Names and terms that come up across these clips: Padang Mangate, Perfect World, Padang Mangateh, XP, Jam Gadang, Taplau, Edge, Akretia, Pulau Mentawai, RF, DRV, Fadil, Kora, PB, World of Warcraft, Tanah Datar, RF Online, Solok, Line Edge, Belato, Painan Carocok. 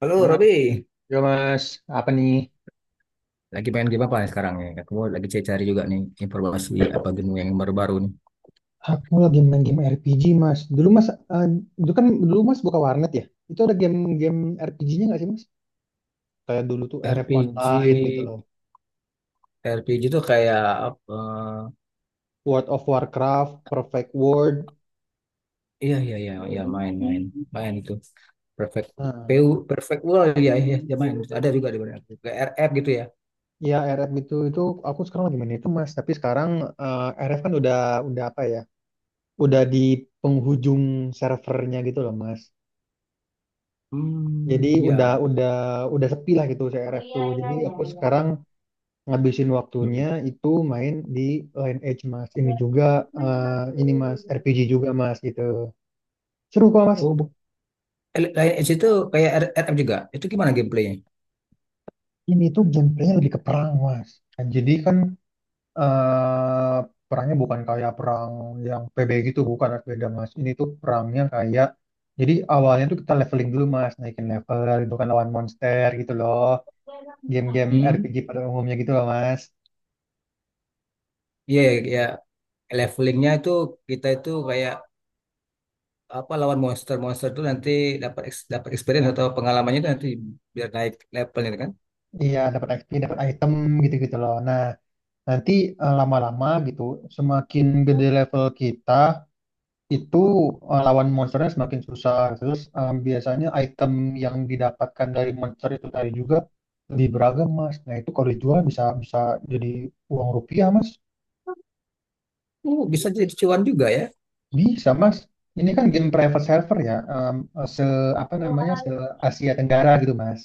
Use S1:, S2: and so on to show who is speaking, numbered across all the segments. S1: Halo
S2: Halo,
S1: Robi,
S2: yo Mas, apa nih?
S1: lagi pengen game apa nih sekarang nih? Aku lagi cari-cari juga nih informasi apa game yang baru-baru nih.
S2: Aku lagi main game RPG, Mas. Dulu Mas, eh, itu kan dulu Mas buka warnet ya. Itu ada game-game RPG-nya nggak sih, Mas? Kayak dulu tuh RF
S1: RPG,
S2: Online gitu loh.
S1: RPG tuh kayak apa?
S2: World of Warcraft, Perfect World.
S1: Iya iya iya iya, main itu. Perfect
S2: Nah,
S1: Perfect World, iya iya iya, main ada juga di mana aku kayak RF gitu ya.
S2: ya RF itu aku sekarang lagi main itu, Mas. Tapi sekarang RF kan udah apa ya? Udah di penghujung servernya gitu loh, Mas. Jadi
S1: Hmm,
S2: udah
S1: ya.
S2: udah udah sepi lah gitu si RF tuh. Jadi aku sekarang ngabisin
S1: Hmm.
S2: waktunya itu main di Line Edge mas, ini juga eh, ini mas RPG juga mas gitu, seru kok mas.
S1: Oh bu- Lain Edge itu kayak RF juga. Itu gimana gameplaynya?
S2: Ini tuh gameplaynya lebih ke perang mas. Nah, jadi kan eh, perangnya bukan kayak perang yang PB gitu, bukan mas, beda mas. Ini tuh perangnya kayak, jadi awalnya tuh kita leveling dulu mas, naikin level, itu kan lawan monster gitu loh, game-game
S1: Hmm,
S2: RPG pada umumnya gitu loh mas.
S1: iya iya iya. Levelingnya itu kita itu kayak apa, lawan monster-monster itu nanti dapat experience atau pengalamannya itu nanti biar naik levelnya kan.
S2: Iya, dapat XP, dapat item gitu-gitu loh. Nah, nanti lama-lama gitu, semakin gede level kita, itu lawan monsternya semakin susah. Terus biasanya item yang didapatkan dari monster itu tadi juga lebih beragam, Mas. Nah, itu kalau dijual bisa bisa jadi uang rupiah, Mas.
S1: Oh, bisa jadi cuan juga ya.
S2: Bisa, Mas. Ini kan game private server ya, se apa namanya, se Asia Tenggara gitu, Mas.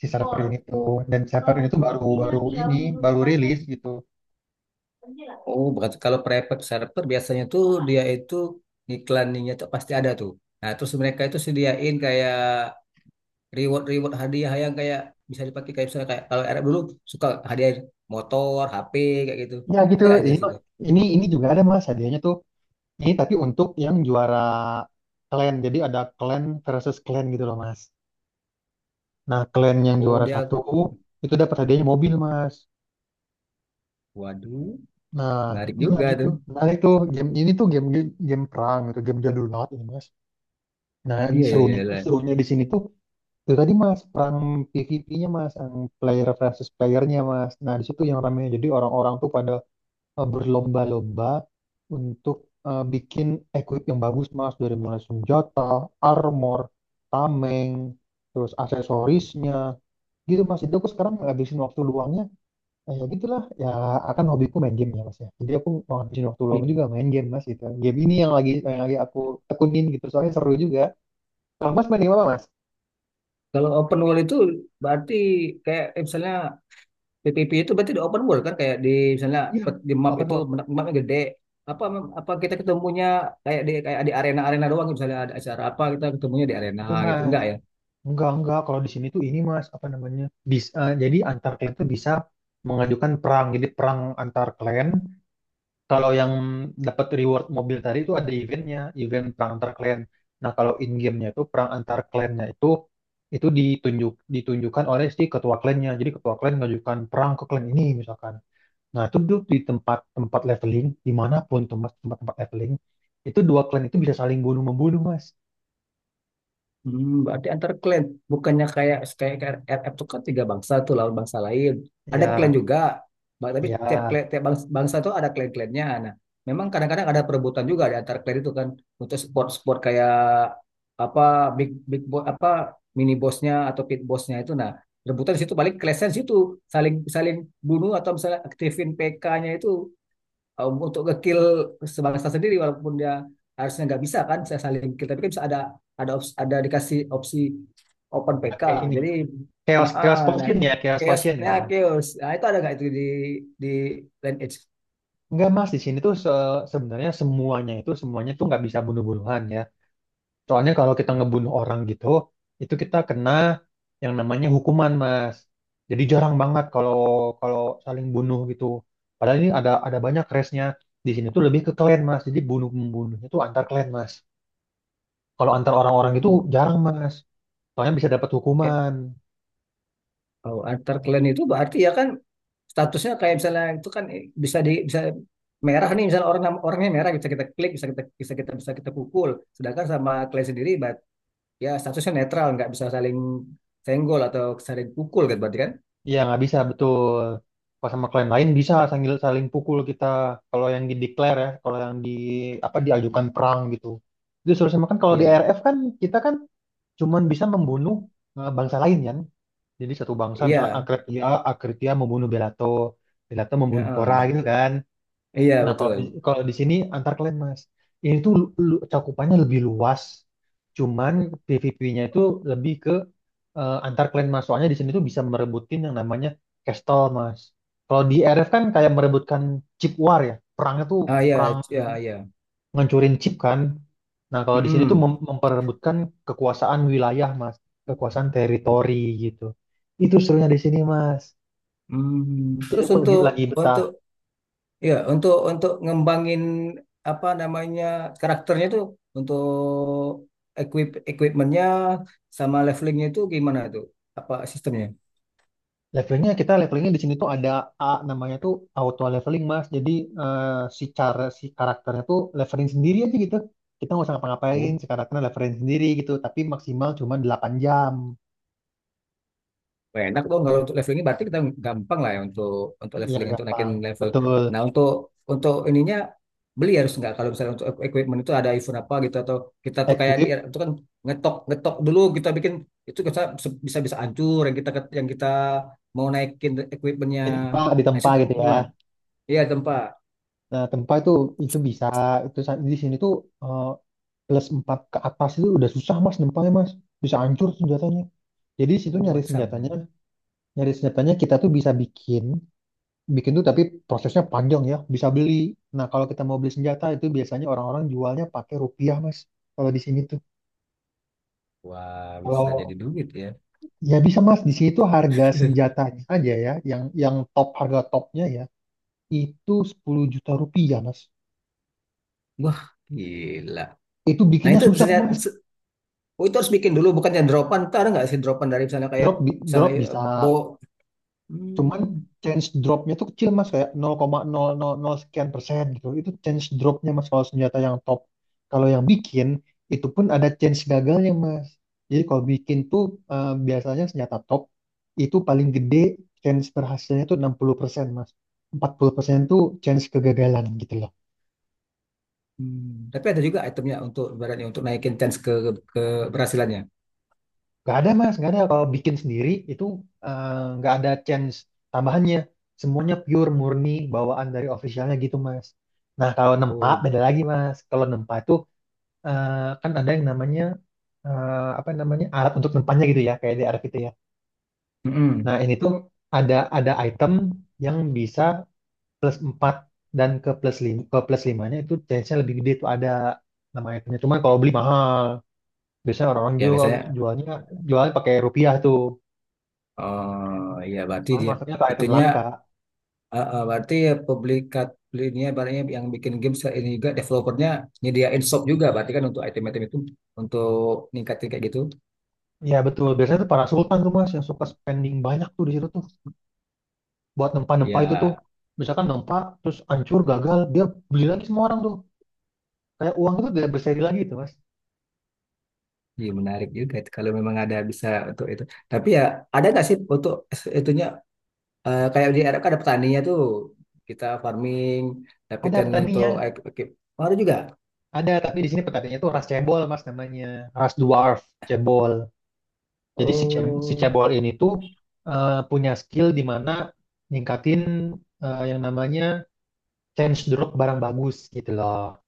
S2: Si server ini tuh, dan server ini tuh baru baru ini baru rilis gitu.
S1: Oh, berarti kalau private server biasanya tuh dia itu iklaninnya tuh pasti ada tuh. Nah, terus mereka itu sediain kayak reward-reward, hadiah yang kayak bisa dipakai kayak misalnya kayak kalau Arab dulu suka hadiah motor, HP kayak gitu.
S2: Ya gitu.
S1: Ada nggak itu di
S2: Ini
S1: situ?
S2: ini ini juga ada Mas hadiahnya tuh. Ini tapi untuk yang juara clan, jadi ada clan versus clan gitu loh mas. Nah clan yang
S1: Oh,
S2: juara
S1: dia,
S2: satu itu dapat hadiahnya mobil mas.
S1: waduh,
S2: Nah
S1: menarik
S2: iya
S1: juga
S2: gitu.
S1: tuh.
S2: Nah itu game ini tuh game game perang gitu, game jadul banget ini mas. Nah
S1: Iya, iya,
S2: serunya
S1: iya.
S2: serunya di sini tuh itu tadi mas, perang PvP-nya mas, yang player versus playernya mas. Nah di situ yang rame, jadi orang-orang tuh pada berlomba-lomba untuk bikin equip yang bagus Mas, dari mulai senjata, armor, tameng, terus aksesorisnya gitu Mas. Jadi aku sekarang ngabisin waktu luangnya ya gitulah ya, akan hobiku main game ya Mas ya. Jadi aku mau ngabisin waktu luang
S1: Iya.
S2: juga main game Mas gitu. Game ini yang lagi aku tekunin gitu, soalnya seru juga. Kalau Mas main game apa Mas?
S1: Kalau open world itu berarti kayak misalnya PPP itu berarti di open world kan kayak di misalnya
S2: Iya,
S1: di map
S2: open
S1: itu
S2: world.
S1: mapnya gede, apa, apa kita ketemunya kayak di arena-arena doang, misalnya ada acara apa kita ketemunya di arena
S2: Itu,
S1: gitu
S2: Mas.
S1: enggak ya?
S2: Enggak, enggak. Kalau di sini tuh ini Mas, apa namanya? Jadi antar klan tuh bisa mengajukan perang. Jadi perang antar klan. Kalau yang dapat reward mobil tadi itu ada eventnya, event perang antar klan. Nah, kalau in game-nya itu perang antar klannya itu, ditunjukkan oleh si ketua klannya. Jadi ketua klan mengajukan perang ke klan ini misalkan. Nah, itu tuh di tempat-tempat leveling, dimanapun tempat leveling, itu dua klan itu bisa saling bunuh membunuh Mas.
S1: Hmm, berarti antar klan bukannya kayak kayak RF itu kan tiga bangsa tuh lawan bangsa lain. Ada klan
S2: Ya,
S1: juga. Tapi tiap
S2: ya,
S1: klan, tiap bangsa, tuh ada klan-klannya. Nah, memang kadang-kadang ada perebutan juga di antar klan itu kan untuk sport-sport kayak apa, big big boss apa, mini bossnya atau pit bossnya itu. Nah, rebutan di situ paling clash situ saling saling bunuh, atau misalnya aktifin PK-nya itu untuk ngekill sebangsa sendiri walaupun dia harusnya nggak bisa kan saya saling kill, tapi kan bisa ada opsi, ada dikasih opsi open PK,
S2: kayak ini.
S1: jadi
S2: Chaos
S1: ah,
S2: chaos
S1: ah, nah,
S2: potion ya, chaos potion
S1: chaosnya
S2: ya.
S1: chaos nah itu ada nggak itu di Land Edge?
S2: Enggak mas, di sini tuh sebenarnya semuanya tuh nggak bisa bunuh-bunuhan ya. Soalnya kalau kita ngebunuh orang gitu, itu kita kena yang namanya hukuman mas. Jadi jarang banget kalau kalau saling bunuh gitu. Padahal ini ada banyak race-nya. Di sini tuh lebih ke clan mas. Jadi bunuh membunuhnya tuh antar clan mas. Kalau antar orang-orang itu
S1: Oh.
S2: jarang mas. Soalnya bisa dapat
S1: Eh,
S2: hukuman.
S1: oh, antar clan itu berarti ya kan statusnya kayak misalnya itu kan bisa di bisa merah nih, misalnya orang orangnya merah bisa kita klik, bisa kita bisa kita bisa kita pukul, sedangkan sama clan sendiri ya statusnya netral, nggak bisa saling senggol atau saling pukul gitu berarti kan?
S2: Iya nggak bisa, betul. Kalau sama klien lain bisa sambil saling pukul kita. Kalau yang di declare ya, kalau yang di apa, diajukan perang gitu. Itu suruh sama, kan kalau di
S1: Iya
S2: R F kan kita kan cuman bisa membunuh bangsa lain kan. Jadi satu bangsa misalkan
S1: iya,
S2: Akretia, Akretia membunuh Belato, Belato membunuh Kora
S1: heeh.
S2: gitu kan.
S1: Iya
S2: Nah
S1: betul.
S2: kalau di sini antar klien mas, ini tuh cakupannya lebih luas. Cuman PVP-nya itu lebih ke antar klan mas, soalnya di sini tuh bisa merebutin yang namanya castle mas. Kalau di RF kan kayak merebutkan chip war ya, perangnya tuh
S1: Ah, iya
S2: perang
S1: iya iya.
S2: ngancurin chip kan. Nah kalau di sini tuh
S1: Mm-mm.
S2: memperebutkan kekuasaan wilayah mas, kekuasaan teritori gitu. Itu serunya di sini mas,
S1: Hmm,
S2: jadi
S1: terus
S2: aku lagi
S1: untuk
S2: lagi betah.
S1: untuk ya untuk ngembangin apa namanya, karakternya itu untuk equipmentnya sama levelingnya itu gimana tuh, apa sistemnya?
S2: Levelingnya, levelingnya di sini tuh ada, A namanya tuh auto leveling mas. Jadi eh, si karakternya tuh leveling sendiri aja gitu. Kita nggak usah ngapa-ngapain, si karakternya leveling sendiri gitu. Tapi maksimal cuma 8 jam.
S1: Wah, enak dong kalau untuk levelingnya, berarti kita gampang lah ya untuk
S2: Iya
S1: leveling, untuk naikin
S2: gampang,
S1: level.
S2: betul.
S1: Nah untuk ininya, beli harus nggak kalau misalnya untuk equipment itu ada event apa gitu, atau kita tuh kayak di
S2: Equip
S1: itu kan ngetok ngetok dulu kita bikin itu bisa bisa bisa hancur yang kita mau naikin equipmentnya.
S2: ditempa
S1: Nah
S2: ditempa
S1: itu
S2: gitu ya.
S1: gimana? Iya tempat.
S2: Nah tempa itu bisa, itu di sini tuh eh, plus 4 ke atas itu udah susah mas nempanya mas. Bisa hancur senjatanya. Jadi di situ
S1: Oh
S2: nyari senjatanya,
S1: Batam.
S2: kita tuh bisa bikin. Bikin tuh tapi prosesnya panjang ya, bisa beli. Nah, kalau kita mau beli senjata itu biasanya orang-orang jualnya pakai rupiah, Mas. Kalau di sini tuh.
S1: Wah, bisa jadi
S2: Kalau
S1: duit ya.
S2: ya bisa, Mas, di sini tuh harga senjatanya aja ya, yang top harga topnya ya, itu Rp10 juta, Mas.
S1: Wah, gila.
S2: Itu
S1: Nah
S2: bikinnya
S1: itu
S2: susah,
S1: misalnya,
S2: Mas.
S1: oh, itu harus bikin dulu, bukannya dropan. Ntar ada nggak sih dropan dari misalnya kayak, misalnya
S2: Drop bisa. Cuman
S1: hmm,
S2: chance dropnya tuh kecil mas, kayak 0,000 sekian persen gitu. Itu chance dropnya mas kalau senjata yang top. Kalau yang bikin itu pun ada chance gagalnya mas. Jadi kalau bikin tuh biasanya senjata top itu paling gede chance berhasilnya tuh 60% mas. 40% tuh chance kegagalan gitu loh.
S1: hmm. Tapi ada juga itemnya untuk, ibaratnya untuk naikin chance ke keberhasilannya.
S2: Gak ada mas, gak ada. Kalau bikin sendiri itu eh, nggak ada chance tambahannya. Semuanya pure murni bawaan dari officialnya gitu mas. Nah kalau nempa
S1: Oh,
S2: beda lagi mas. Kalau nempa itu eh, kan ada yang namanya eh, apa namanya, alat untuk nempanya gitu ya, kayak DRV itu ya. Nah
S1: mm-mm.
S2: ini tuh ada item yang bisa plus empat, dan ke plus lima, ke plus 5-nya itu chance-nya lebih gede tuh, ada nama itemnya. Cuman kalau beli mahal. Biasanya orang-orang
S1: Ya biasanya,
S2: jualnya jualnya pakai rupiah tuh.
S1: oh ya berarti
S2: Cuman
S1: dia,
S2: masuknya ke item
S1: itunya,
S2: langka.
S1: berarti ya publikat, ini ibaratnya yang bikin ini juga developernya nyediain shop juga, berarti kan untuk item-item itu untuk ningkatin kayak gitu.
S2: Ya betul, biasanya tuh para sultan tuh mas yang suka spending banyak tuh di situ tuh. Buat nempa-nempa itu tuh.
S1: Ya,
S2: Misalkan nempa, terus hancur, gagal, dia beli lagi, semua orang tuh. Kayak uang itu tidak berseri lagi tuh mas.
S1: iya menarik juga itu kalau memang ada bisa untuk itu. Tapi ya ada nggak sih untuk itunya, kayak di Arab kan ada petaninya tuh, kita farming
S2: Ada
S1: dapetin untuk
S2: petaninya,
S1: ekip, ada juga.
S2: ada, tapi di sini petaninya tuh ras cebol mas namanya. Ras dwarf, cebol. Jadi si, si
S1: Oh
S2: cebol ini tuh punya skill di mana ningkatin yang namanya change drop barang bagus gitu loh.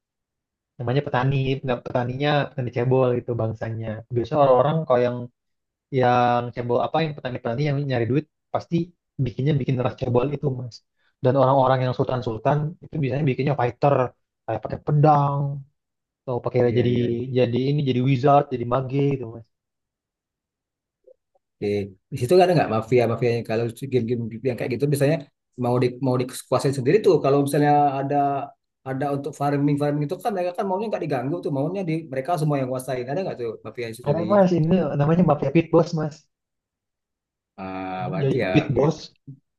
S2: Namanya petani, nggak, petaninya petani cebol itu bangsanya. Biasanya orang-orang kalau yang cebol apa yang petani-petani yang nyari duit pasti bikin ras cebol itu mas. Dan orang-orang yang sultan-sultan itu biasanya bikinnya fighter, kayak pakai pedang atau pakai,
S1: iya iya,
S2: jadi wizard, jadi mage gitu mas.
S1: oke, di situ kan ada nggak mafia mafia yang kalau si game-game yang kayak gitu biasanya mau di mau dikuasain sendiri tuh kalau misalnya ada ada untuk farming farming itu kan mereka kan maunya nggak diganggu tuh maunya di mereka semua yang kuasain, ada nggak tuh mafia di situ
S2: Ada
S1: di?
S2: mas, ini namanya mafia pit boss mas.
S1: Ah berarti
S2: Jadi
S1: ya begitu.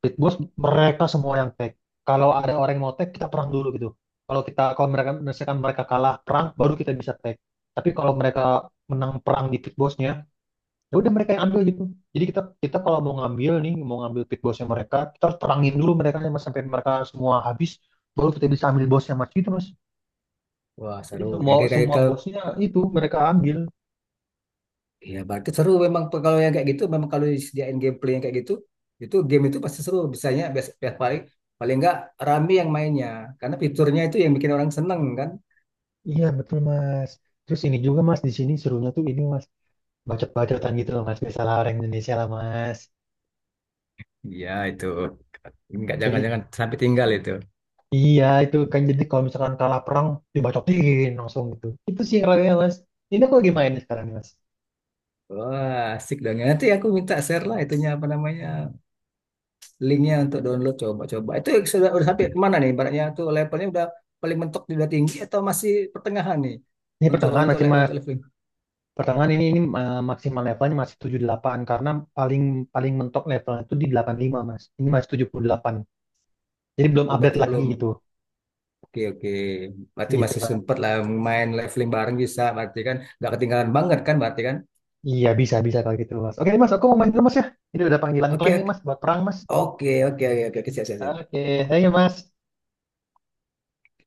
S2: pit boss mereka semua yang tag. Kalau ada orang yang mau tag, kita perang dulu gitu. Kalau kalau mereka misalkan mereka kalah perang, baru kita bisa tag. Tapi kalau mereka menang perang di pit bossnya, ya udah mereka yang ambil gitu. Jadi kita kita kalau mau ngambil nih, mau ngambil pit bossnya mereka, kita harus perangin dulu mereka nih, Mas, sampai mereka semua habis, baru kita bisa ambil bosnya mas gitu mas.
S1: Wah
S2: Jadi
S1: seru,
S2: semua
S1: kayak kayak kayak
S2: semua bosnya itu mereka ambil.
S1: iya, berarti seru memang kalau yang kayak gitu, memang kalau disediain gameplay yang kayak gitu, itu game itu pasti seru. Biasanya bias, bias- paling paling nggak rame yang mainnya, karena fiturnya itu yang bikin orang seneng kan.
S2: Iya betul mas. Terus ini juga mas, di sini serunya tuh ini mas, bacot-bacotan gitu loh mas, biasalah orang Indonesia lah mas.
S1: Iya itu. Nggak,
S2: Jadi
S1: jangan-jangan sampai tinggal itu.
S2: iya itu kan, jadi kalau misalkan kalah perang, dibacotin langsung gitu, itu sih yang mas, ini aku lagi main sekarang nih, mas.
S1: Wah, asik dong. Ya, nanti aku minta share lah itunya apa namanya, linknya, untuk download coba-coba. Itu sudah udah sampai mana nih? Ibaratnya tuh levelnya udah paling mentok udah tinggi atau masih pertengahan nih
S2: Ini
S1: untuk
S2: pertengahan masih
S1: untuk leveling?
S2: pertengahan, ini maksimal levelnya masih 78, karena paling paling mentok levelnya itu di 85 mas, ini masih 78, jadi belum
S1: Oh,
S2: update
S1: berarti
S2: lagi
S1: belum.
S2: gitu.
S1: Oke oke, berarti
S2: Gitu
S1: masih
S2: mas.
S1: sempet lah main leveling bareng bisa, berarti kan nggak ketinggalan banget kan, berarti kan?
S2: Iya bisa, bisa kalau gitu mas. Oke mas, aku mau main dulu mas ya, ini udah panggilan klien
S1: Oke
S2: nih
S1: oke
S2: mas buat perang mas.
S1: oke oke oke oke, siap siap siap.
S2: Oke, ayo mas.